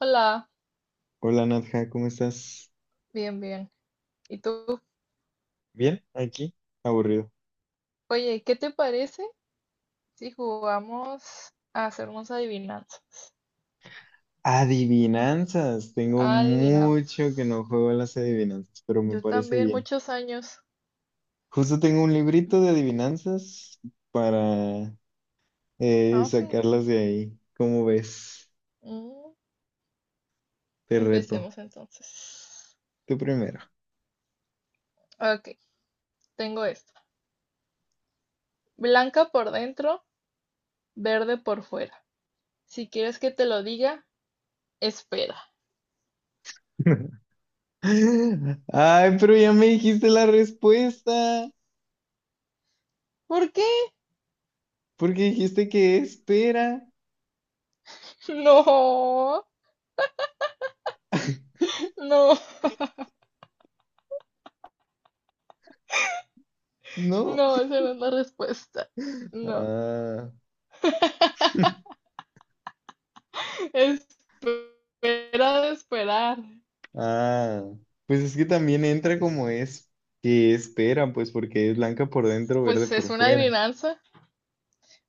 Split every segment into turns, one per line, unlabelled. Hola,
Hola Nadja, ¿cómo estás?
bien, bien. ¿Y tú?
¿Bien? ¿Aquí? Aburrido.
Oye, ¿qué te parece si jugamos a hacer unas adivinanzas?
Adivinanzas. Tengo
Adivinanzas.
mucho que no juego a las adivinanzas, pero me
Yo
parece
también,
bien.
muchos años.
Justo tengo un librito de adivinanzas para
Ah, sí.
sacarlas de ahí. ¿Cómo ves?
Mm,
Te reto.
empecemos entonces.
Tú primero.
Ok, tengo esto. Blanca por dentro, verde por fuera. Si quieres que te lo diga, espera.
Ay, pero ya me dijiste la respuesta.
¿Por qué?
Porque dijiste que espera,
No, no,
¿no?
no, esa no es la respuesta. No.
Ah.
Espera de esperar.
Ah, pues es que también entra como es que espera, pues porque es blanca por dentro, verde
Pues es
por
una
fuera.
adivinanza.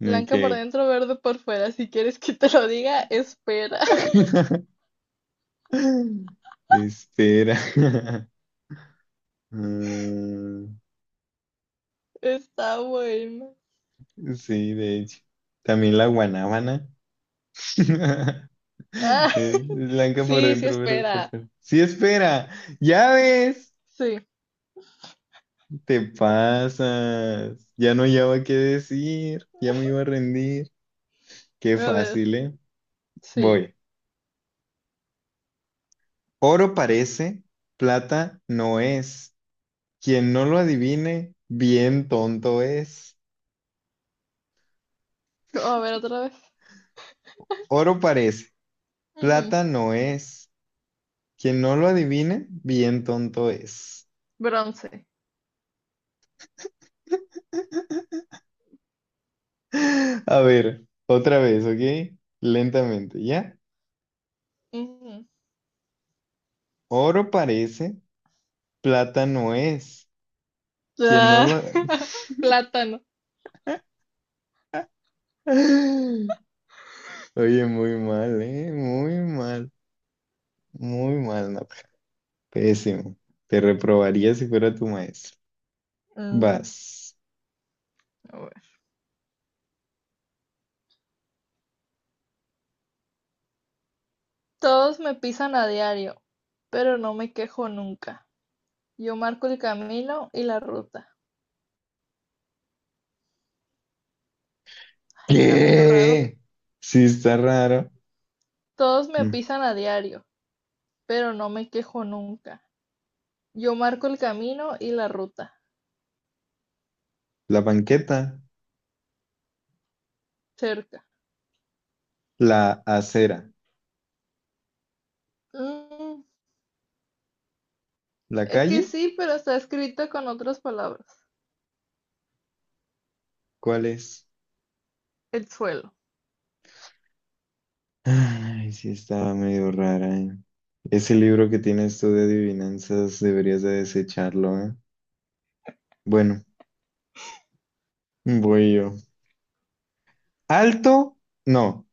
Ok.
Blanca por dentro, verde por fuera. Si quieres que te lo diga, espera.
Espera. Mm,
Está bueno.
sí, de hecho. También la guanábana.
Ah,
Es blanca por
sí, sí,
dentro, verde por
espera.
fuera. Sí, espera. Ya ves.
Sí,
Te pasas. Ya no llevaba qué decir. Ya me iba a rendir. Qué
a ver,
fácil, ¿eh?
sí.
Voy. Oro parece, plata no es. Quien no lo adivine, bien tonto es.
A ver, otra vez.
Oro parece,
Ujú,
plata no es. Quien no lo adivine, bien tonto es.
bronce.
A ver, otra vez, ¿ok? Lentamente, ¿ya?
Ujú.
Oro parece, plata no es. Quien no
Ah,
lo...
plátano.
Oye, muy mal, ¿eh? Muy mal, no. Pésimo. Te reprobaría si fuera tu maestro.
Mm,
Vas.
a ver. Todos me pisan a diario, pero no me quejo nunca. Yo marco el camino y la ruta. Está medio raro.
¿Qué? Sí, está raro.
Todos me
Mm,
pisan a diario, pero no me quejo nunca. Yo marco el camino y la ruta,
la banqueta,
cerca.
la acera,
Mm,
la
es que
calle,
sí, pero está escrito con otras palabras.
¿cuál es?
El suelo.
Ay, sí, estaba medio rara, ¿eh? Ese libro que tienes tú de adivinanzas deberías de desecharlo, ¿eh? Bueno, voy yo. Alto, no,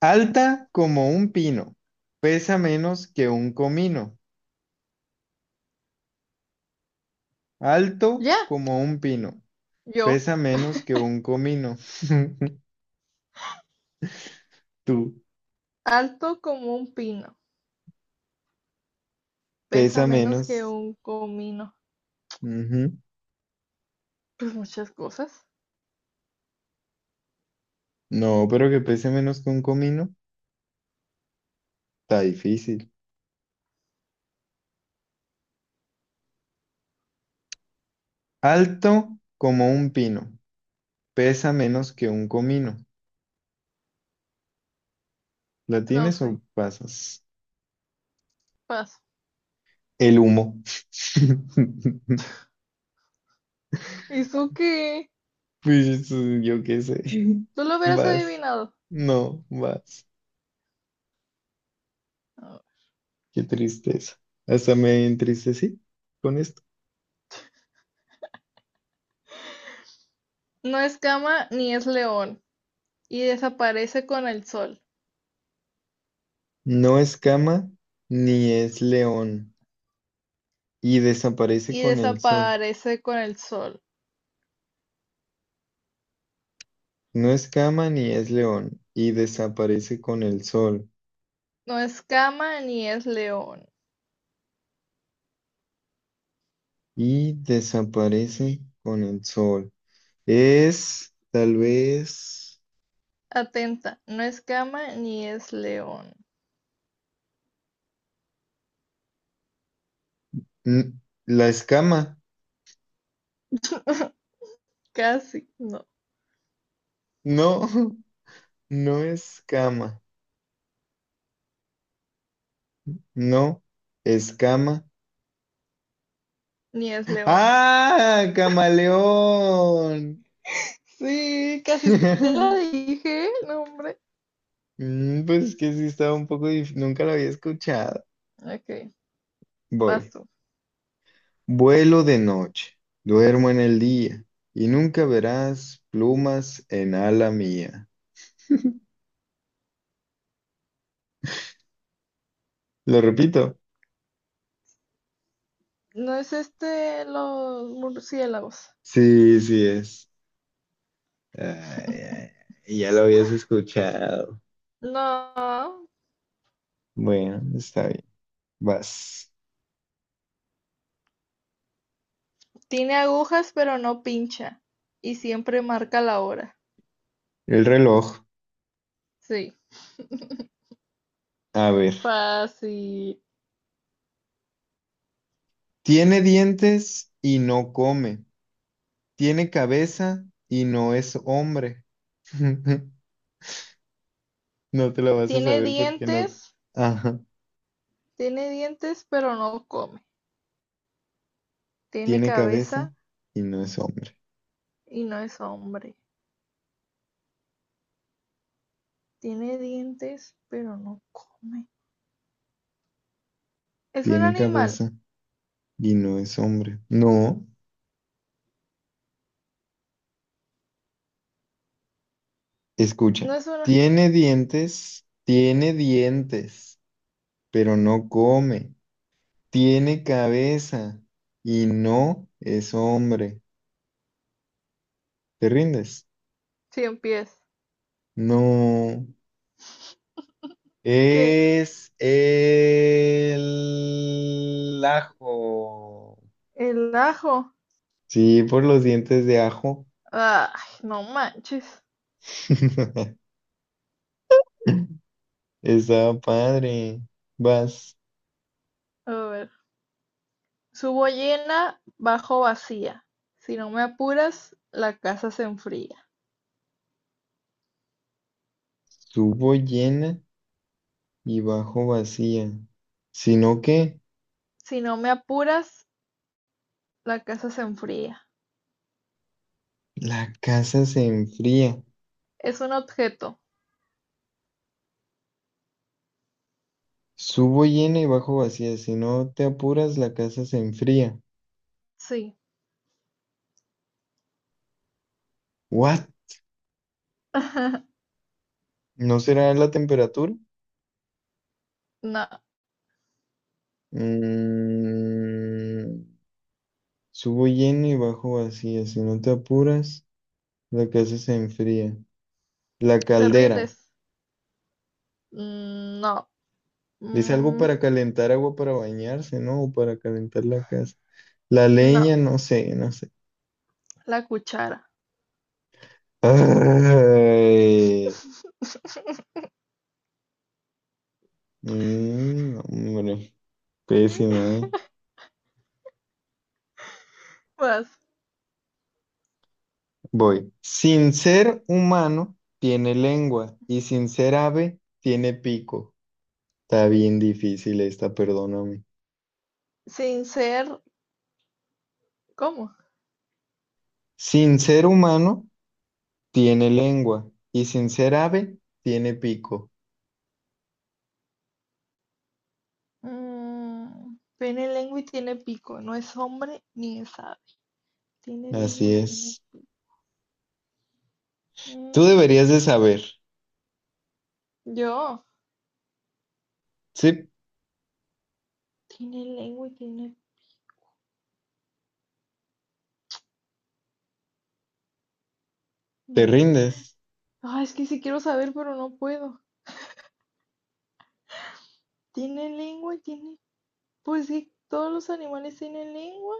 alta como un pino, pesa menos que un comino. Alto
Ya,
como un pino,
yo,
pesa menos que un comino. Tú,
alto como un pino, pesa
pesa
menos que
menos.
un comino.
Ujú.
Pues muchas cosas.
No, pero que pese menos que un comino, está difícil. Alto como un pino, pesa menos que un comino. ¿La
No
tienes
sé,
o pasas?
paso.
El humo.
¿Y su qué?
Pues eso, yo qué sé.
Tú lo hubieras
Vas.
adivinado.
No, vas. Qué tristeza. Hasta me entristecí con esto.
No es cama ni es león, y desaparece con el sol,
No es cama ni es león y desaparece
y
con el sol.
desaparece con el sol.
No es cama ni es león y desaparece con el sol.
No es cama ni es león.
Y desaparece con el sol. Es tal vez
Atenta, no es cama ni es león.
n- la escama.
Casi, no,
No, no es cama. No, escama.
ni es león.
¡Ah! Camaleón.
Sí, casi te la dije, no, hombre.
Mm, pues es que sí estaba un poco difícil, nunca lo había escuchado.
Ok,
Voy.
paso.
Vuelo de noche, duermo en el día y nunca verás plumas en ala mía. Lo repito.
No es este los murciélagos.
Sí, sí es. Ay, ay, ya lo habías escuchado.
No,
Bueno, está bien. Vas.
tiene agujas pero no pincha y siempre marca la hora.
El reloj.
Sí,
A ver.
fácil.
Tiene dientes y no come. Tiene cabeza y no es hombre. No te lo vas a
Tiene
saber porque no.
dientes,
Ajá.
tiene dientes pero no come. Tiene
Tiene cabeza
cabeza
y no es hombre.
y no es hombre. Tiene dientes, pero no come. Es un
Tiene
animal,
cabeza y no es hombre. No.
no
Escucha.
es una
Tiene dientes, pero no come. Tiene cabeza y no es hombre. ¿Te rindes?
cien pies.
No.
¿Qué?
Es el ajo.
El ajo.
Sí, por los dientes de ajo.
Ay, no manches.
Estaba padre. Vas,
A ver. Subo llena, bajo vacía. Si no me apuras, la casa se enfría.
subo llena y bajo vacía. Sino que
Si no me apuras, la casa se enfría.
la casa se enfría.
Es un objeto.
Subo llena y bajo vacía. Si no te apuras, la casa se enfría.
Sí.
¿What? ¿No será la temperatura?
No.
Mm, subo lleno y bajo vacía. Si no te apuras, la casa se enfría. La
¿Te
caldera.
rindes? Mm, no.
Es algo
Mm,
para calentar agua para bañarse, ¿no? O para calentar la casa. La
no.
leña, no sé, no sé.
La cuchara.
Ay. Mm, no, hombre, pésimo, ¿eh?
Vas.
Voy. Sin ser humano, tiene lengua. Y sin ser ave, tiene pico. Está bien difícil esta, perdóname.
Sin ser. ¿Cómo?
Sin ser humano, tiene lengua y sin ser ave, tiene pico.
Mm, tiene lengua y tiene pico. No es hombre ni es ave. Tiene
Así
lengua y tiene
es.
pico.
Tú deberías de
Mm,
saber.
yo.
Sí,
Tiene lengua y tiene...
te
No.
rindes.
Ah, es que sí quiero saber, pero no puedo. Tiene lengua y tiene... Pues sí, todos los animales tienen lengua,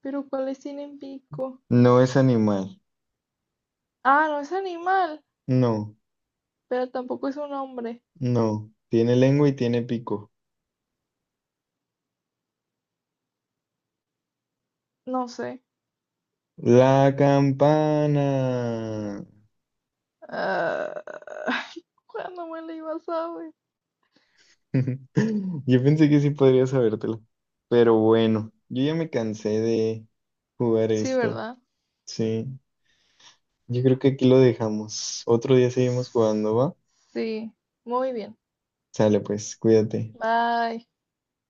pero ¿cuáles tienen pico?
No es animal.
Ah, no es animal,
No,
pero tampoco es un hombre.
no. Tiene lengua y tiene pico.
No sé.
La campana.
Ah, ¿cuándo me la iba a saber?
Yo pensé que sí podría sabértelo. Pero bueno, yo ya me cansé de jugar
Sí,
esto.
¿verdad?
Sí, yo creo que aquí lo dejamos. Otro día seguimos jugando, ¿va?
Sí, muy bien.
Sale pues, cuídate.
Bye.